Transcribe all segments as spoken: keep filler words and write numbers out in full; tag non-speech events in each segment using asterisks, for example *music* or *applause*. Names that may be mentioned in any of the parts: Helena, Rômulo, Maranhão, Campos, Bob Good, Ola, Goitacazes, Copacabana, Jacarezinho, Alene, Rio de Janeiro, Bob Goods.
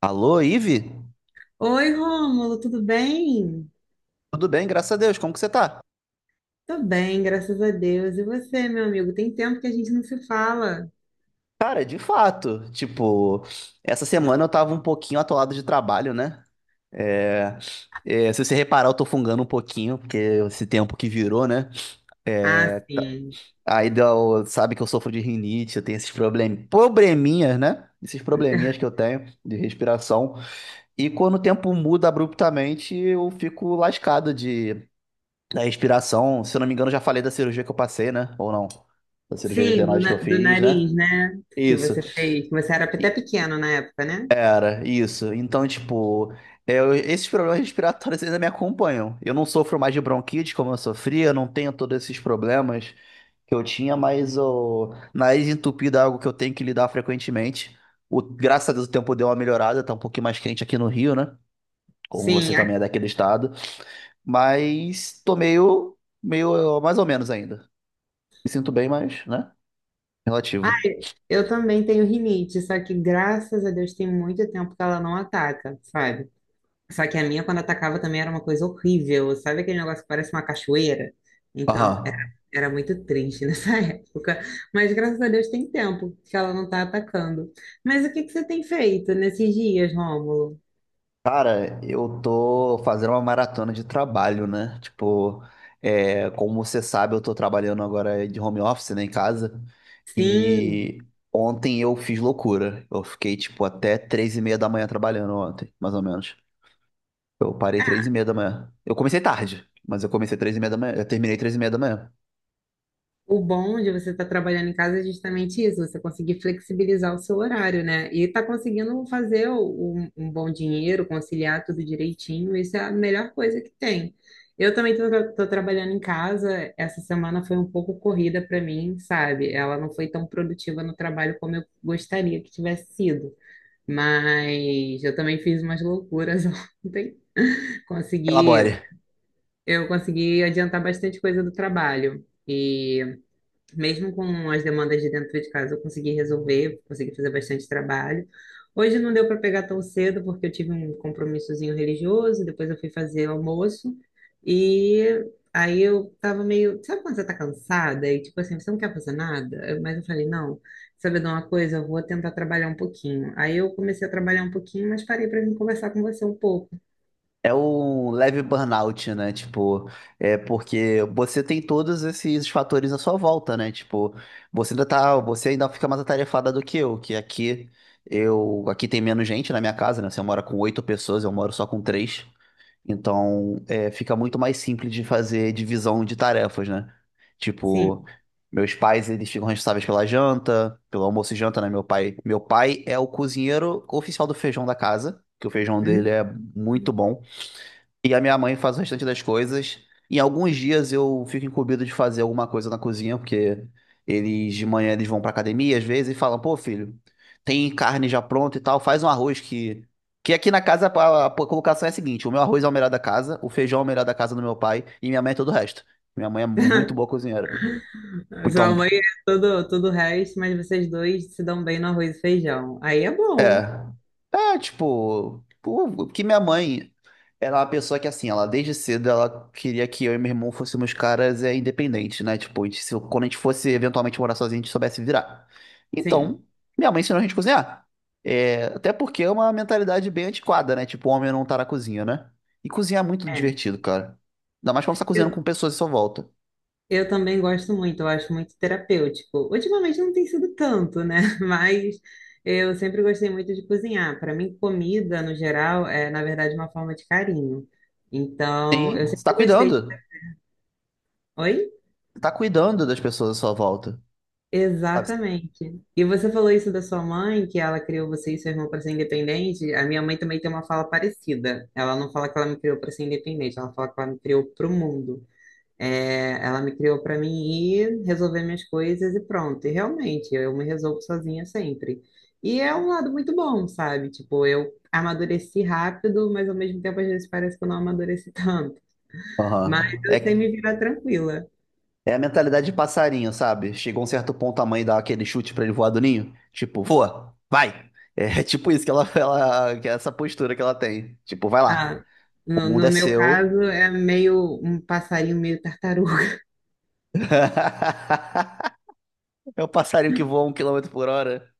Alô, Ive? Oi, Rômulo, tudo bem? Tudo bem, graças a Deus, como que você tá? Tô bem, graças a Deus. E você, meu amigo? Tem tempo que a gente não se fala. Cara, de fato, tipo, essa semana eu tava um pouquinho atolado de trabalho, né? É, é, se você reparar, eu tô fungando um pouquinho, porque esse tempo que virou, né? Ah, É, tá- sim. aí deu- sabe que eu sofro de rinite, eu tenho esses problem... probleminhas, né? Esses probleminhas que eu tenho de respiração. E quando o tempo muda abruptamente, eu fico lascado de da respiração. Se eu não me engano, já falei da cirurgia que eu passei, né? Ou não? Da cirurgia de Sim, do, adenoide que na- eu do fiz, né? nariz, né? Que Isso. você fez, que você era até E, pequeno na época, né? cara, isso. Então, tipo, é, eu- esses problemas respiratórios ainda me acompanham. Eu não sofro mais de bronquite como eu sofria, eu não tenho todos esses problemas que eu tinha, mas o nariz entupido é algo que eu tenho que lidar frequentemente. O, graças a Deus o tempo deu uma melhorada, tá um pouquinho mais quente aqui no Rio, né? Como você Sim. a- também é daquele estado. Mas tô meio, meio mais ou menos ainda. Me sinto bem, mas, né? Ah, Relativo. eu também tenho rinite, só que graças a Deus tem muito tempo que ela não ataca, sabe? Só que a minha, quando atacava, também era uma coisa horrível. Sabe aquele negócio que parece uma cachoeira? Então, era, Aham. era muito triste nessa *laughs* época. Mas graças a Deus tem tempo que ela não tá atacando. Mas o que que você tem feito nesses dias, Rômulo? Cara, eu tô fazendo uma maratona de trabalho, né? Tipo, é, como você sabe, eu tô trabalhando agora de home office, né, em casa. Sim. E ontem eu fiz loucura. Eu fiquei, tipo, até três e meia da manhã trabalhando ontem, mais ou menos. Eu parei três e meia da manhã. Eu comecei tarde, mas eu comecei três e meia da manhã. Eu terminei três e meia da manhã. O bom de você estar trabalhando em casa é justamente isso, você conseguir flexibilizar o seu horário, né? E tá conseguindo fazer um, um bom dinheiro, conciliar tudo direitinho, isso é a melhor coisa que tem. Eu também tô, tra- tô trabalhando em casa, essa semana foi um pouco corrida para mim, sabe? Ela não foi tão produtiva no trabalho como eu gostaria que tivesse sido. Mas eu também fiz umas loucuras *laughs* ontem. Consegui, Elabore. eu consegui adiantar bastante coisa do trabalho. E mesmo com as demandas de dentro de casa, eu consegui resolver, consegui fazer bastante trabalho. Hoje não deu para pegar tão cedo, porque eu tive um compromissozinho religioso, depois eu fui fazer almoço, e aí eu tava meio. Sabe quando você tá cansada? E tipo assim, você não quer fazer nada? Mas eu falei, não, sabe de uma coisa? Eu vou tentar trabalhar um pouquinho. Aí eu comecei a trabalhar um pouquinho, mas parei para vir conversar com você um pouco. É um leve burnout, né? Tipo, é porque você tem todos esses fatores à sua volta, né? Tipo, você ainda tá, você ainda fica mais atarefada do que eu, que aqui eu, aqui tem menos gente na minha casa, né? Você mora com oito pessoas, eu moro só com três. Então, é, fica muito mais simples de fazer divisão de tarefas, né? Tipo, Sim. meus pais, eles ficam responsáveis pela janta, pelo almoço e janta, né? Meu pai, meu pai é o cozinheiro oficial do feijão da casa, que o feijão dele Hum? é muito bom. E a minha mãe faz o restante das coisas. Em alguns dias eu fico incumbido de fazer alguma coisa na cozinha, porque eles de manhã eles vão pra academia às vezes e falam: pô, filho, tem carne já pronta e tal, faz um arroz que. Que aqui na casa a a colocação é a seguinte: o meu arroz é o melhor da casa, o feijão é o melhor da casa do meu pai e minha mãe é todo o resto. Minha mãe é muito *laughs* boa cozinheira. A Então, sua mãe é tudo, tudo o resto, mas vocês dois se dão bem no arroz e feijão. Aí é bom, é. É, tipo, pô, que minha mãe era uma pessoa que, assim, ela desde cedo ela queria que eu e meu irmão fôssemos caras é, independentes, né? Tipo, a gente, se, quando a gente fosse eventualmente morar sozinho, a gente soubesse virar. sim. Então, minha mãe ensinou a gente a cozinhar. É, até porque é uma mentalidade bem antiquada, né? Tipo, o homem não tá na cozinha, né? E cozinhar é muito É. divertido, cara. Ainda mais quando você tá cozinhando Eu, com pessoas à sua volta. eu também gosto muito, eu acho muito terapêutico. Ultimamente não tem sido tanto, né? *laughs* Mas eu sempre gostei muito de cozinhar. Para mim, comida, no geral, é, na verdade, uma forma de carinho. Então, eu Sim, você tá sempre gostei. cuidando. Oi? Você tá cuidando das pessoas à sua volta. Sabe? Exatamente. E você falou isso da sua mãe, que ela criou você e seu irmão para ser independente. A minha mãe também tem uma fala parecida. Ela não fala que ela me criou para ser independente, ela fala que ela me criou para o mundo. É, ela me criou para mim ir resolver minhas coisas e pronto. E realmente, eu me resolvo sozinha sempre. E é um lado muito bom, sabe? Tipo, eu amadureci rápido, mas ao mesmo tempo às vezes parece que eu não amadureci *laughs* tanto. Mas Aham. eu sei É me virar tranquila. É a mentalidade de passarinho, sabe? Chegou um certo ponto a mãe dá aquele chute pra ele voar do ninho. Tipo, voa, vai. É *laughs* tipo isso que ela, *laughs* ela, que é essa postura que ela tem. Tipo, vai lá. Ah, O no, mundo no é meu seu. caso é meio um passarinho meio tartaruga. *laughs* *laughs* É o passarinho que voa um quilômetro por hora.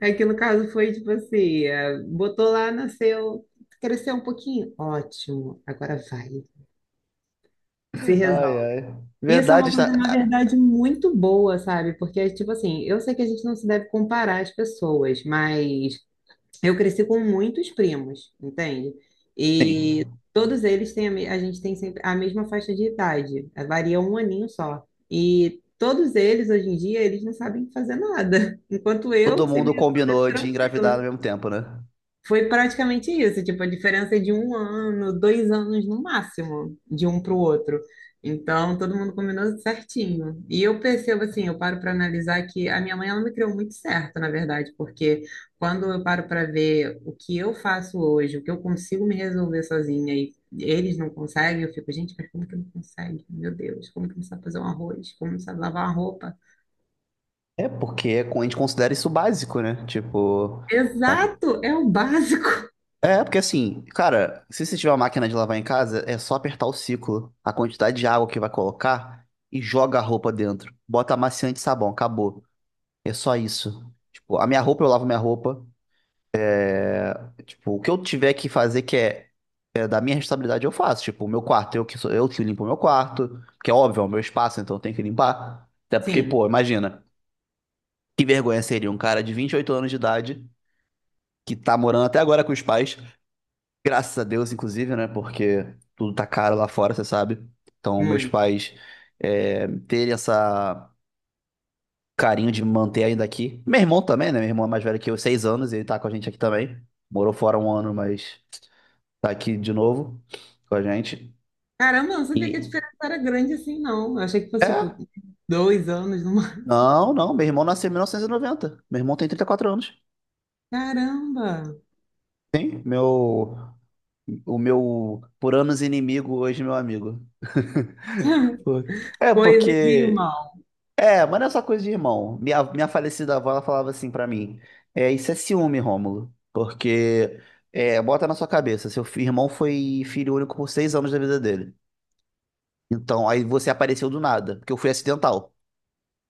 É que no caso foi tipo assim, é, botou lá, nasceu, cresceu um pouquinho, ótimo, agora vai, se Ai, resolve. ai. Isso é Verdade, uma está- coisa, na ah, verdade, muito boa, sabe? Porque, tipo assim, eu sei que a gente não se deve comparar as pessoas, mas eu cresci com muitos primos, entende? E sim. todos eles têm a, me- a gente tem sempre a mesma faixa de idade, eh, varia um aninho só. E todos eles hoje em dia eles não sabem fazer nada, *laughs* enquanto Todo eu sei mundo meio combinou de engravidar ao tranquila. mesmo tempo, né? Foi praticamente isso, tipo, a diferença é de um ano, dois anos no máximo, de um para o outro. Então, todo mundo combinou certinho. E eu percebo assim, eu paro para analisar que a minha mãe, ela me criou muito certo, na verdade, porque quando eu paro para ver o que eu faço hoje, o que eu consigo me resolver sozinha e eles não conseguem, eu fico, gente, mas como que não consegue? Meu Deus, como que não sabe fazer um arroz? Como não sabe lavar uma roupa? É porque a gente considera isso básico, né? Tipo, a- Exato, é o básico. é, porque assim, cara, se você tiver uma máquina de lavar em casa, é só apertar o ciclo, a quantidade de água que vai colocar e joga a roupa dentro. Bota amaciante e sabão, acabou. É só isso. Tipo, a minha roupa, eu lavo minha roupa. Tipo, o que eu tiver que fazer que é, é da minha responsabilidade, eu faço. Tipo, o meu quarto, eu que sou, eu que limpo o meu quarto, porque é óbvio, é o meu espaço, então eu tenho que limpar. Até porque, Sim, pô, imagina, que vergonha seria um cara de vinte e oito anos de idade que tá morando até agora com os pais. Graças a Deus, inclusive, né? Porque tudo tá caro lá fora, você sabe. Então, meus muito. pais é, terem essa carinho de me manter ainda aqui. Meu irmão também, né? Meu irmão é mais velho que eu, seis anos, ele tá com a gente aqui também. Morou fora um ano, mas tá aqui de novo com a gente. Caramba, eu não sabia que a E. diferença era grande assim, não. Eu achei que fosse, tipo, É? dois anos numa. Não, não. Meu irmão nasceu em mil novecentos e noventa. Meu irmão tem trinta e quatro anos. Caramba! Sim, meu. O meu por anos inimigo, hoje meu amigo. *laughs* *laughs* Por- É, Coisa de porque irmão. É, mas não é só coisa de irmão. Minha, minha falecida avó, ela falava assim pra mim: é, isso é ciúme, Rômulo. Porque, é, bota na sua cabeça, seu fi- irmão foi filho único por seis anos da vida dele. Então, aí você apareceu do nada, porque eu fui acidental.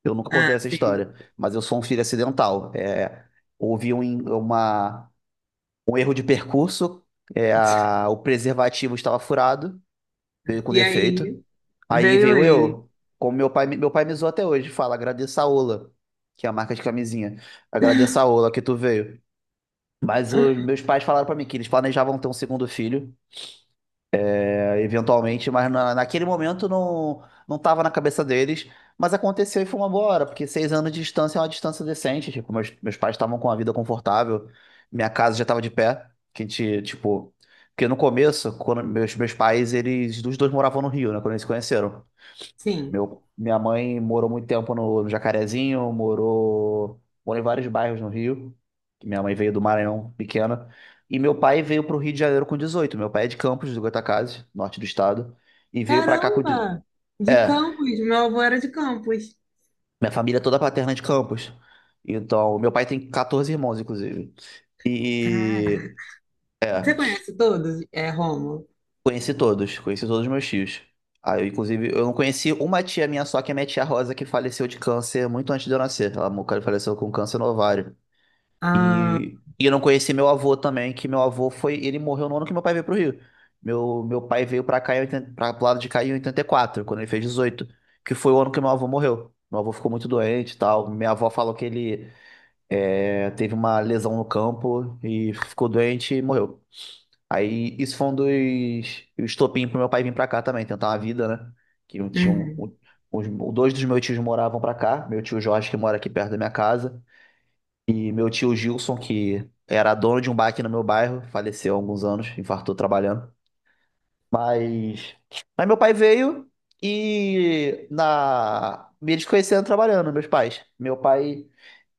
Eu nunca Ah, contei essa sim. história, mas eu sou um filho acidental. É, houve um, in- uma, um erro de percurso, é, a- o preservativo estava furado, veio com E defeito. aí Aí veio veio ele. eu, como meu pai, meu pai me zoa até hoje, fala, agradeça a Ola, que é a marca de camisinha. Agradeça a Ola que tu veio. Mas os *laughs* meus pais falaram pra mim que eles planejavam ter um segundo filho, é, eventualmente, mas na- naquele momento não, não tava na cabeça deles. Mas aconteceu e foi uma boa hora, porque seis anos de distância é uma distância decente. Tipo, meus, meus pais estavam com a vida confortável, minha casa já tava de pé, que a gente, tipo... Porque no começo, quando meus, meus pais, eles, os dois moravam no Rio, né, quando eles se conheceram. Sim. Meu, minha mãe morou muito tempo no, no Jacarezinho, morou, morou em vários bairros no Rio, que minha mãe veio do Maranhão, pequena. E meu pai veio para o Rio de Janeiro com dezoito. Meu pai é de Campos, do Goitacazes, norte do estado, e veio para cá com... de- Caramba! De é, Campos. Meu avô era de Campos. minha família é toda paterna é de Campos. Então, meu pai tem catorze irmãos, inclusive. Cara. E Você é, conhece todos? É, Rômulo? conheci todos, conheci todos os meus tios. Ah, eu, inclusive, eu não conheci uma tia minha só, que é minha tia Rosa, que faleceu de câncer muito antes de eu nascer. Ela mo- faleceu com câncer no ovário. Ah, E, e eu não conheci meu avô também, que meu avô foi. Ele morreu no ano que meu pai veio pro Rio. Meu, meu pai veio pra cá, em oitenta pra, pro lado de cá em oitenta e quatro, quando ele fez dezoito, que foi o ano que meu avô morreu. Meu avô ficou muito doente e tal. Minha avó falou que ele é, teve uma lesão no campo e ficou doente e morreu. Aí isso foi um dos o estopim pro meu pai vir pra cá também, tentar uma vida, né? Que um tio, uhum. um- os, dois dos meus tios moravam pra cá, meu tio Jorge, que mora aqui perto da minha casa, e meu tio Gilson, que era dono de um bar aqui no meu bairro, faleceu há alguns anos, infartou trabalhando. Mas, mas meu pai veio e na me desconhecendo trabalhando, meus pais. Meu pai,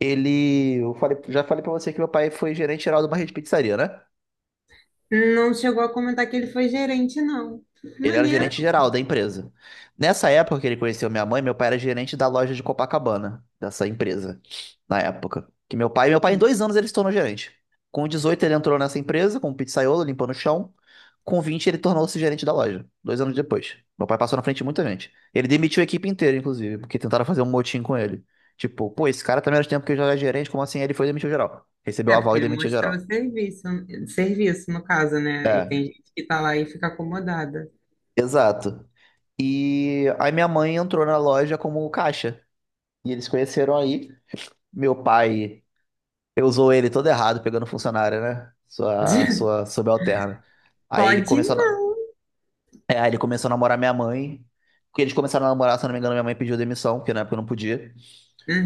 ele, eu falei, já falei pra você que meu pai foi gerente geral de uma rede de pizzaria, né? Não chegou a comentar que ele foi gerente, não. Ele era Maneiro. gerente geral da empresa. Nessa época que ele conheceu minha mãe, meu pai era gerente da loja de Copacabana, dessa empresa, na época. Que meu pai, meu pai, em dois anos, ele se tornou gerente. Com dezoito, ele entrou nessa empresa, como pizzaiolo, limpando o chão. Com vinte, ele tornou-se gerente da loja, dois anos depois. Meu pai passou na frente de muita gente. Ele demitiu a equipe inteira, inclusive, porque tentaram fazer um motim com ele. Tipo, pô, esse cara tá menos tempo que eu já era gerente, como assim? Ele foi e demitiu geral. Recebeu É, aval e porque ele demitiu mostrou geral. serviço, serviço no caso, né? E É, tem gente que tá lá e fica acomodada. exato. E aí minha mãe entrou na loja como caixa. E eles conheceram aí. Meu pai, eu usou ele todo errado, pegando funcionária, né? Sua, sua *laughs* subalterna. Aí ele Pode começou a, não. é, aí ele começou a namorar minha mãe. Porque eles começaram a namorar, se eu não me engano, minha mãe pediu demissão, porque na época eu não podia.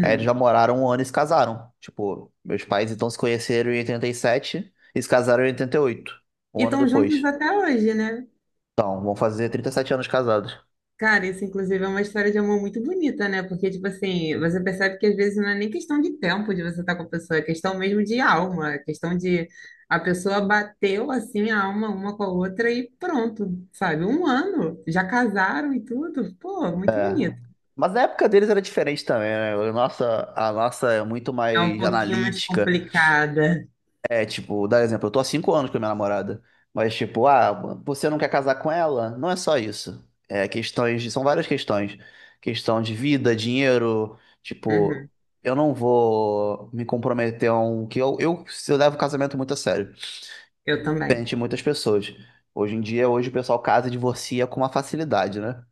Aí eles já moraram um ano e se casaram. Tipo, meus pais então se conheceram em oitenta e sete e sete e se casaram em oitenta e oito, um E ano estão juntos depois. até hoje, né? Então, vão fazer trinta e sete anos casados. Cara, isso inclusive é uma história de amor muito bonita, né? Porque, tipo assim, você percebe que às vezes não é nem questão de tempo de você estar com a pessoa, é questão mesmo de alma, é questão de a pessoa bateu assim a alma uma com a outra e pronto, sabe? Um ano, já casaram e tudo. Pô, muito bonito. Mas a época deles era diferente também, né? A nossa, a nossa é muito É um mais pouquinho mais analítica. complicada. É tipo, dar exemplo, eu tô há cinco anos com a minha namorada, mas tipo, ah, você não quer casar com ela? Não é só isso. É questões, de- são várias questões. Questão de vida, dinheiro, tipo, Uhum. eu não vou me comprometer a um que eu, eu, eu levo o casamento muito a sério. Eu também. Frente muitas pessoas. Hoje em dia, hoje o pessoal casa e divorcia com uma facilidade, né?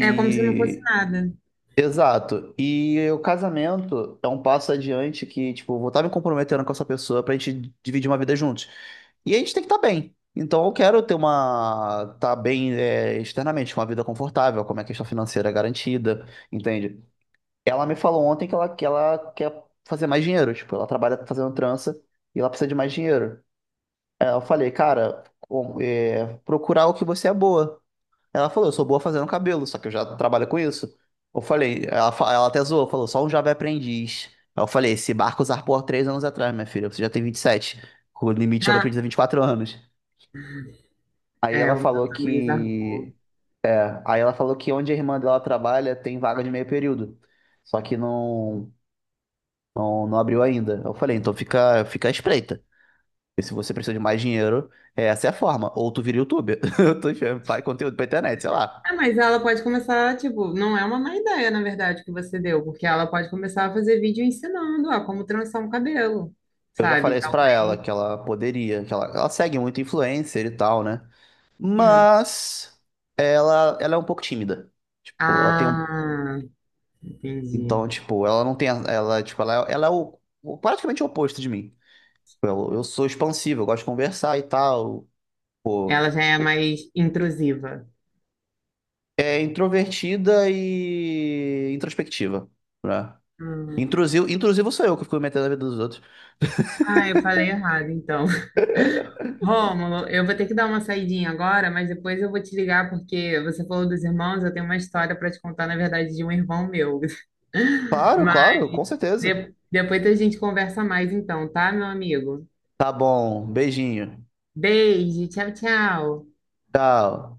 É como se não fosse nada. exato. E o casamento é um passo adiante que, tipo, eu vou estar me comprometendo com essa pessoa pra gente dividir uma vida juntos. E a gente tem que estar bem. Então eu quero ter uma. Tá bem é, externamente, uma vida confortável, como é a questão financeira é garantida, entende? Ela me falou ontem que ela, que ela quer fazer mais dinheiro. Tipo, ela trabalha fazendo trança e ela precisa de mais dinheiro. Aí eu falei, cara, com- é, procurar o que você é boa. Ela falou, eu sou boa fazendo cabelo, só que eu já trabalho com isso. Eu falei, ela, fa- ela até zoou, falou, só um jovem aprendiz. Aí eu falei, esse barco zarpou há três anos atrás, minha filha, você já tem vinte e sete. O limite já vai Ah, e quatro anos. Aí é, ela o meu falou também que. zarpou. Aí ela falou que onde a irmã dela trabalha tem vaga de meio período. Só que não, não, não abriu ainda. Eu falei, então fica, fica à espreita. E se você precisa de mais dinheiro, essa é a forma. Ou tu vira youtuber. *laughs* Eu tô enfiando- Faz conteúdo pra internet, sei lá. Ah, mas ela pode começar, tipo, não é uma má ideia, na verdade, que você deu, porque ela pode começar a fazer vídeo ensinando, ó, como trançar um cabelo, Eu já falei sabe? isso pra ela, Talvez, que ela poderia, que ela, ela segue muito influencer e tal, né? sim. Mas ela, ela é um pouco tímida. Tipo, ela tem um. Ah, Então, entendi. tipo, ela não tem. a- Ela, tipo, ela, é- ela é o, o- praticamente o oposto de mim. Eu eu sou expansivo, eu gosto de conversar e tal. Pô, Ela já é pô. mais intrusiva. é introvertida e introspectiva, né? Hum. Intrusivo, intrusivo sou eu que fico me metendo na vida dos outros. Ah, eu falei errado, então. *laughs* Rômulo, eu vou ter que dar uma saidinha agora, mas depois eu vou te ligar porque você falou dos irmãos, eu tenho uma história para te contar, na verdade, de um irmão meu. Claro, Mas claro, com certeza. de- depois a gente conversa mais então, tá, meu amigo? Tá bom, beijinho. Beijo, tchau, tchau. Tchau.